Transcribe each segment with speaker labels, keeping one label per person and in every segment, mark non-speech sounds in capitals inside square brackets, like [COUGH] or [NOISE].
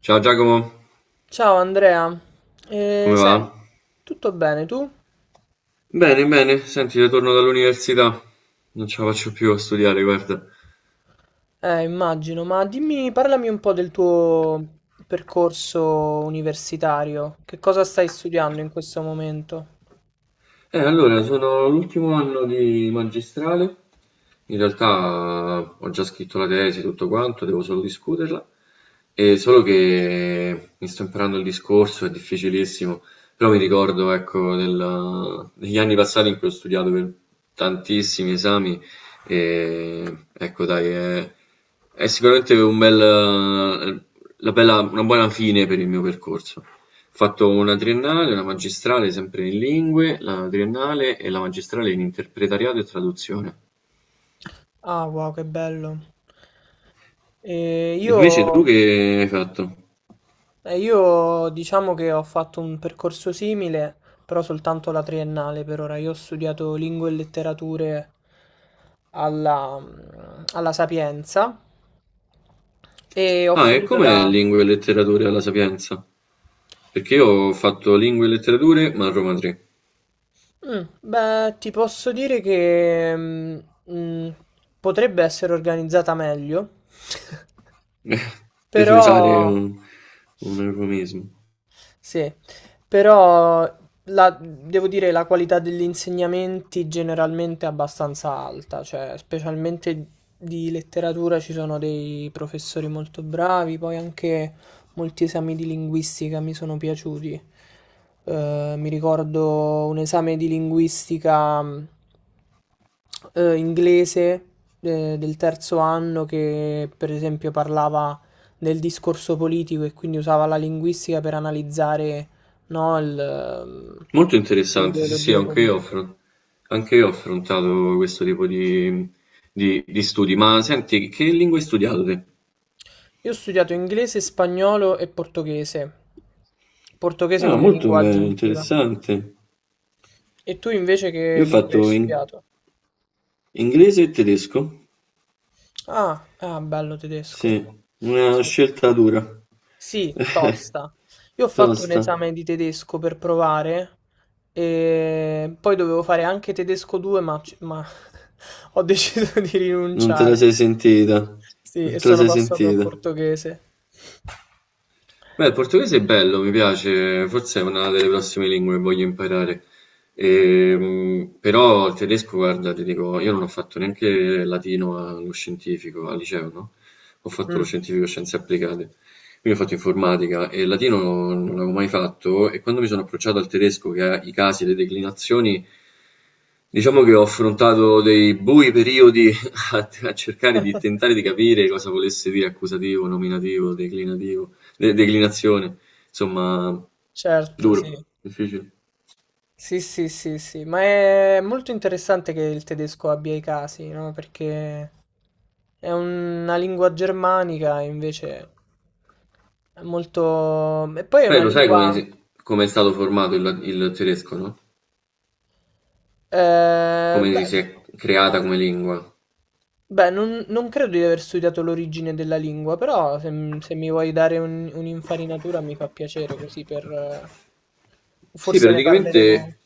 Speaker 1: Ciao Giacomo,
Speaker 2: Ciao Andrea,
Speaker 1: come va?
Speaker 2: senti, tutto bene tu?
Speaker 1: Bene, bene, senti, ritorno dall'università. Non ce la faccio più a studiare, guarda.
Speaker 2: Immagino, ma dimmi, parlami un po' del tuo percorso universitario. Che cosa stai studiando in questo momento?
Speaker 1: Allora, sono all'ultimo anno di magistrale. In realtà ho già scritto la tesi, tutto quanto, devo solo discuterla. Solo che mi sto imparando il discorso, è difficilissimo, però mi ricordo, ecco, degli anni passati in cui ho studiato per tantissimi esami e ecco, dai, è sicuramente un bel, una buona fine per il mio percorso. Ho fatto una triennale, una magistrale sempre in lingue, la triennale e la magistrale in interpretariato e traduzione.
Speaker 2: Ah, wow, che bello. Eh,
Speaker 1: Invece tu che
Speaker 2: io,
Speaker 1: hai fatto?
Speaker 2: io diciamo che ho fatto un percorso simile, però soltanto la triennale per ora. Io ho studiato lingue e letterature alla, alla Sapienza e ho
Speaker 1: Ah, e
Speaker 2: finito
Speaker 1: com'è
Speaker 2: da...
Speaker 1: lingue e letterature alla Sapienza? Perché io ho fatto lingue e letterature, ma a Roma 3,
Speaker 2: Mm, beh, ti posso dire che mm, potrebbe essere organizzata meglio, [LAUGHS]
Speaker 1: [LAUGHS] per
Speaker 2: però
Speaker 1: usare
Speaker 2: Secondo?
Speaker 1: un eufemismo.
Speaker 2: Sì, però devo dire la qualità degli insegnamenti generalmente è abbastanza alta, cioè specialmente di letteratura ci sono dei professori molto bravi, poi anche molti esami di linguistica mi sono piaciuti. Mi ricordo un esame di linguistica inglese del terzo anno che per esempio parlava del discorso politico e quindi usava la linguistica per analizzare, no,
Speaker 1: Molto
Speaker 2: le
Speaker 1: interessante, sì sì,
Speaker 2: ideologie politiche.
Speaker 1: anche io ho affrontato questo tipo di di studi. Ma senti, che lingue hai studiato te?
Speaker 2: Io ho studiato inglese, spagnolo e portoghese, portoghese
Speaker 1: Ah,
Speaker 2: come
Speaker 1: molto
Speaker 2: lingua
Speaker 1: bello,
Speaker 2: aggiuntiva.
Speaker 1: interessante.
Speaker 2: E tu invece che
Speaker 1: Io ho
Speaker 2: lingua hai
Speaker 1: fatto
Speaker 2: studiato?
Speaker 1: inglese e tedesco,
Speaker 2: Ah, ah, bello tedesco.
Speaker 1: sì, una
Speaker 2: Sì.
Speaker 1: scelta dura, [LAUGHS]
Speaker 2: Sì,
Speaker 1: eh,
Speaker 2: tosta. Io ho fatto un
Speaker 1: tosta,
Speaker 2: esame di tedesco per provare e poi dovevo fare anche tedesco 2, ma, [LAUGHS] ho deciso di
Speaker 1: non te la sei
Speaker 2: rinunciare.
Speaker 1: sentita,
Speaker 2: Sì,
Speaker 1: non
Speaker 2: e
Speaker 1: te la
Speaker 2: sono
Speaker 1: sei
Speaker 2: passato al
Speaker 1: sentita.
Speaker 2: portoghese.
Speaker 1: Beh, il portoghese è bello, mi piace, forse è una delle prossime lingue che voglio imparare. Però il tedesco, guarda, ti dico, io non ho fatto neanche latino allo scientifico, al liceo, no? Ho fatto lo
Speaker 2: Mm,
Speaker 1: scientifico scienze applicate, quindi ho fatto informatica e il latino non l'avevo mai fatto e quando mi sono approcciato al tedesco, che ha i casi, le declinazioni, diciamo che ho affrontato dei bui periodi [LAUGHS] a cercare di tentare di capire cosa volesse dire accusativo, nominativo, declinativo, declinazione, insomma,
Speaker 2: certo, sì.
Speaker 1: duro, difficile.
Speaker 2: Sì, sì, sì, sì, ma è molto interessante che il tedesco abbia i casi, no? Perché è una lingua germanica, invece è molto... E poi è
Speaker 1: Beh,
Speaker 2: una
Speaker 1: lo sai come,
Speaker 2: lingua...
Speaker 1: si- come è stato formato il tedesco, no?
Speaker 2: eh,
Speaker 1: Come
Speaker 2: beh,
Speaker 1: si è creata come lingua.
Speaker 2: non credo di aver studiato l'origine della lingua, però se mi vuoi dare un'infarinatura mi fa piacere così per...
Speaker 1: Sì,
Speaker 2: forse ne parleremo.
Speaker 1: praticamente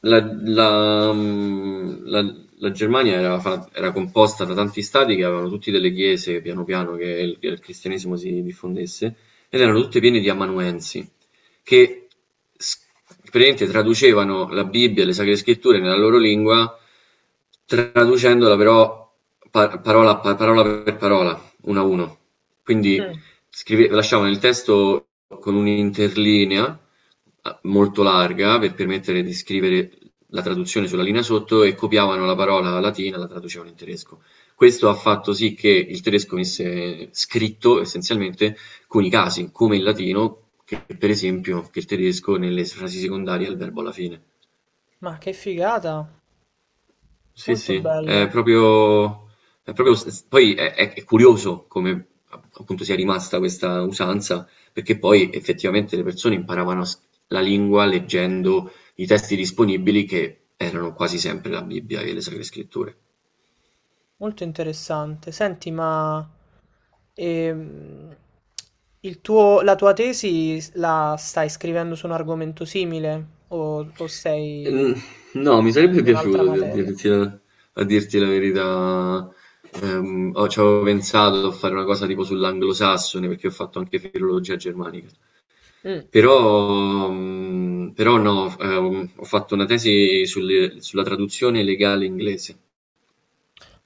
Speaker 1: la Germania era composta da tanti stati che avevano tutti delle chiese, piano piano, che il cristianesimo si diffondesse, ed erano tutte piene di amanuensi, che s- praticamente traducevano la Bibbia e le Sacre Scritture nella loro lingua, traducendola però parola per parola, uno a uno. Quindi
Speaker 2: Mm.
Speaker 1: scrive lasciavano il testo con un'interlinea molto larga per permettere di scrivere la traduzione sulla linea sotto e copiavano la parola latina e la traducevano in tedesco. Questo ha fatto sì che il tedesco venisse scritto essenzialmente con i casi, come il latino, che per esempio, che il tedesco nelle frasi secondarie ha il verbo alla fine.
Speaker 2: Ma che figata,
Speaker 1: Sì,
Speaker 2: molto
Speaker 1: sì, è
Speaker 2: bello.
Speaker 1: proprio, è proprio s- s- poi è curioso come appunto sia rimasta questa usanza, perché poi effettivamente le persone imparavano a la lingua leggendo i testi disponibili che erano quasi sempre la Bibbia e le Sacre Scritture.
Speaker 2: Molto interessante. Senti, ma ehm, la tua tesi la stai scrivendo su un argomento simile o sei
Speaker 1: Mm, no, mi sarebbe
Speaker 2: su un'altra
Speaker 1: piaciuto a
Speaker 2: materia?
Speaker 1: a dirti la verità. Ci avevo pensato a fare una cosa tipo sull'anglosassone perché ho fatto anche filologia germanica.
Speaker 2: Mm.
Speaker 1: Però, mhmm, però no, f ho fatto una tesi sulla traduzione legale inglese,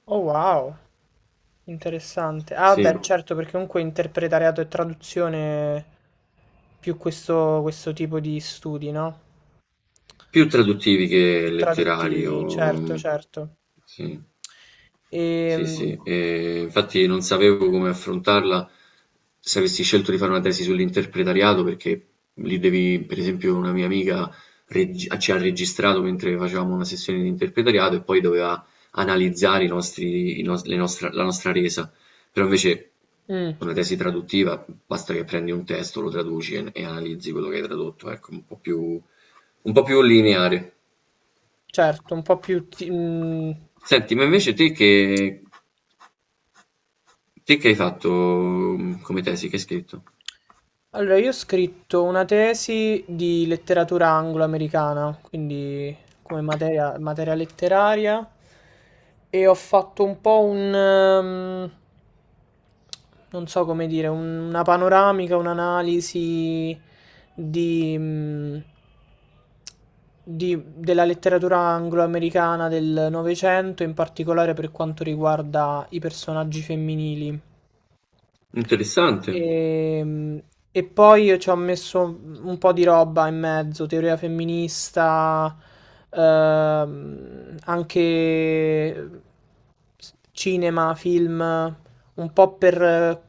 Speaker 2: Oh wow, interessante. Ah
Speaker 1: sì,
Speaker 2: beh, certo, perché comunque interpretariato e traduzione più questo, questo tipo di studi, no?
Speaker 1: più traduttivi
Speaker 2: Più
Speaker 1: che letterari o
Speaker 2: traduttivi, certo,
Speaker 1: mm,
Speaker 2: certo.
Speaker 1: sì.
Speaker 2: E,
Speaker 1: Sì, sì, infatti non sapevo come affrontarla se avessi scelto di fare una tesi sull'interpretariato, perché lì devi, per esempio, una mia amica ci ha registrato mentre facevamo una sessione di interpretariato e poi doveva analizzare i nostri, i nos- le nostra- la nostra resa. Però invece una tesi traduttiva basta che prendi un testo, lo traduci e analizzi quello che hai tradotto, ecco, un po' più lineare.
Speaker 2: certo, un po' più...
Speaker 1: Senti, te che hai fatto mhmm, come tesi? Che hai scritto?
Speaker 2: Allora, io ho scritto una tesi di letteratura anglo-americana, quindi come materia, materia letteraria, e ho fatto un po' non so come dire, una panoramica, un'analisi di, mh, della letteratura anglo-americana del Novecento, in particolare per quanto riguarda i personaggi femminili.
Speaker 1: Interessante.
Speaker 2: E, e poi io ci ho messo un po' di roba in mezzo, teoria femminista, anche cinema, film, un po' per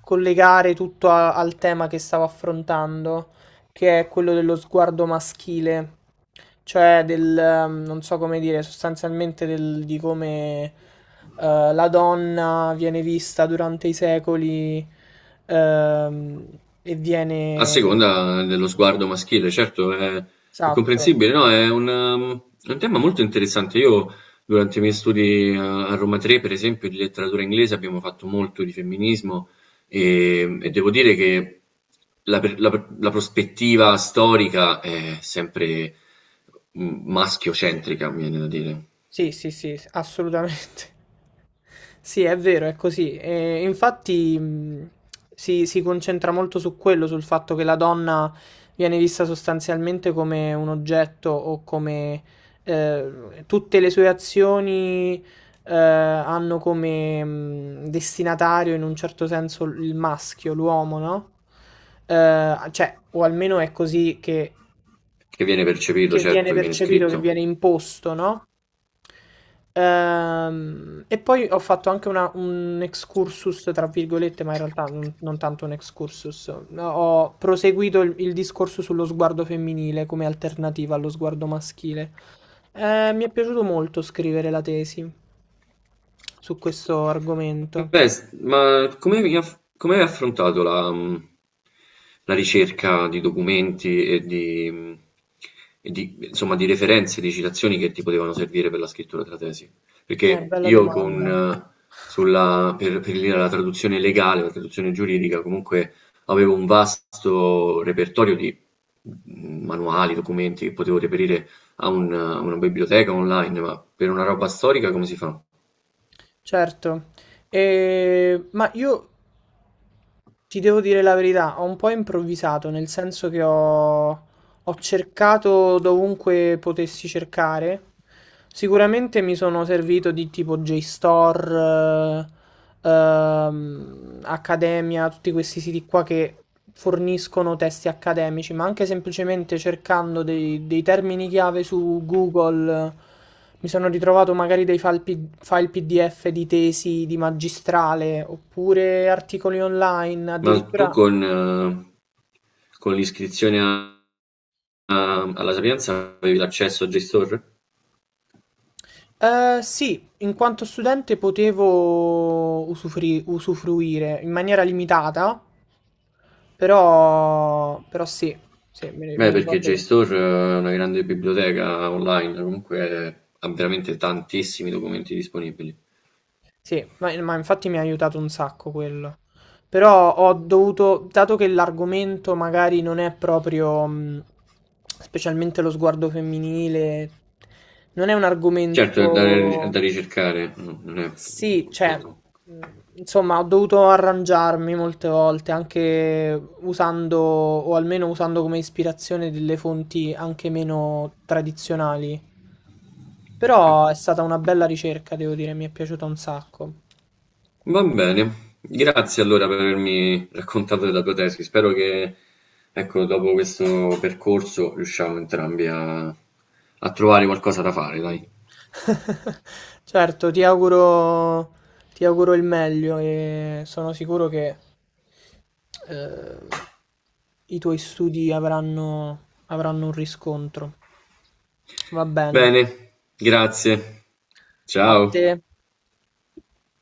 Speaker 2: collegare tutto al tema che stavo affrontando, che è quello dello sguardo maschile, cioè non so come dire, sostanzialmente di come la donna viene vista durante i secoli e
Speaker 1: A
Speaker 2: viene...
Speaker 1: seconda dello sguardo maschile, certo, è
Speaker 2: Esatto.
Speaker 1: comprensibile. No, è è un tema molto interessante. Io, durante i miei studi a Roma 3, per esempio, di letteratura inglese, abbiamo fatto molto di femminismo e devo dire che la prospettiva storica è sempre maschiocentrica, mi viene da dire,
Speaker 2: Sì, sì, sì, assolutamente. [LAUGHS] Sì, è vero, è così. E infatti si concentra molto su quello, sul fatto che la donna viene vista sostanzialmente come un oggetto o come tutte le sue azioni hanno come destinatario in un certo senso il maschio, l'uomo, no? Cioè, o almeno è
Speaker 1: che viene percepito,
Speaker 2: che viene
Speaker 1: certo, che viene
Speaker 2: percepito, che
Speaker 1: scritto.
Speaker 2: viene imposto, no? E poi ho fatto anche un excursus, tra virgolette, ma in realtà non tanto un excursus. No, ho proseguito il discorso sullo sguardo femminile come alternativa allo sguardo maschile. Mi è piaciuto molto scrivere la tesi su questo argomento.
Speaker 1: Ma come hai affrontato la, la ricerca di documenti e di, insomma, di referenze, di citazioni che ti potevano servire per la scrittura della tesi? Perché
Speaker 2: Bella
Speaker 1: io
Speaker 2: domanda.
Speaker 1: sulla, per la traduzione legale, la traduzione giuridica, comunque avevo un vasto repertorio di manuali, documenti che potevo reperire a a una biblioteca online, ma per una roba storica come si fa?
Speaker 2: Certo. Ma io Ti devo dire la verità, ho un po' improvvisato, nel senso ho cercato dovunque potessi cercare. Sicuramente mi sono servito di tipo JSTOR, Accademia, tutti questi siti qua che forniscono testi accademici, ma anche semplicemente cercando dei termini chiave su Google, mi sono ritrovato magari file PDF di tesi di magistrale oppure articoli online,
Speaker 1: Ma tu
Speaker 2: addirittura.
Speaker 1: con l'iscrizione alla Sapienza avevi l'accesso a JSTOR?
Speaker 2: Sì, in quanto studente potevo usufruire in maniera limitata, però, però sì, mi
Speaker 1: Beh, perché
Speaker 2: ricordo.
Speaker 1: JSTOR è una grande biblioteca online, comunque ha veramente tantissimi documenti disponibili.
Speaker 2: Sì, ma infatti mi ha aiutato un sacco quello. Però ho dovuto, dato che l'argomento magari non è proprio, specialmente lo sguardo femminile, non è un
Speaker 1: Certo, è
Speaker 2: argomento...
Speaker 1: da ricercare, no, non è
Speaker 2: Sì, cioè,
Speaker 1: molto... no.
Speaker 2: mh, insomma, ho dovuto arrangiarmi molte volte, anche usando, o almeno usando come ispirazione delle fonti anche meno tradizionali. Però è stata una bella ricerca, devo dire, mi è piaciuta un sacco.
Speaker 1: Va bene, grazie allora per avermi raccontato della tua tesi. Spero che, ecco, dopo questo percorso riusciamo entrambi a trovare qualcosa da fare, dai.
Speaker 2: [LAUGHS] Certo, ti auguro il meglio e sono sicuro che eh, i tuoi avranno un riscontro. Va bene.
Speaker 1: Bene, grazie,
Speaker 2: A te.
Speaker 1: ciao.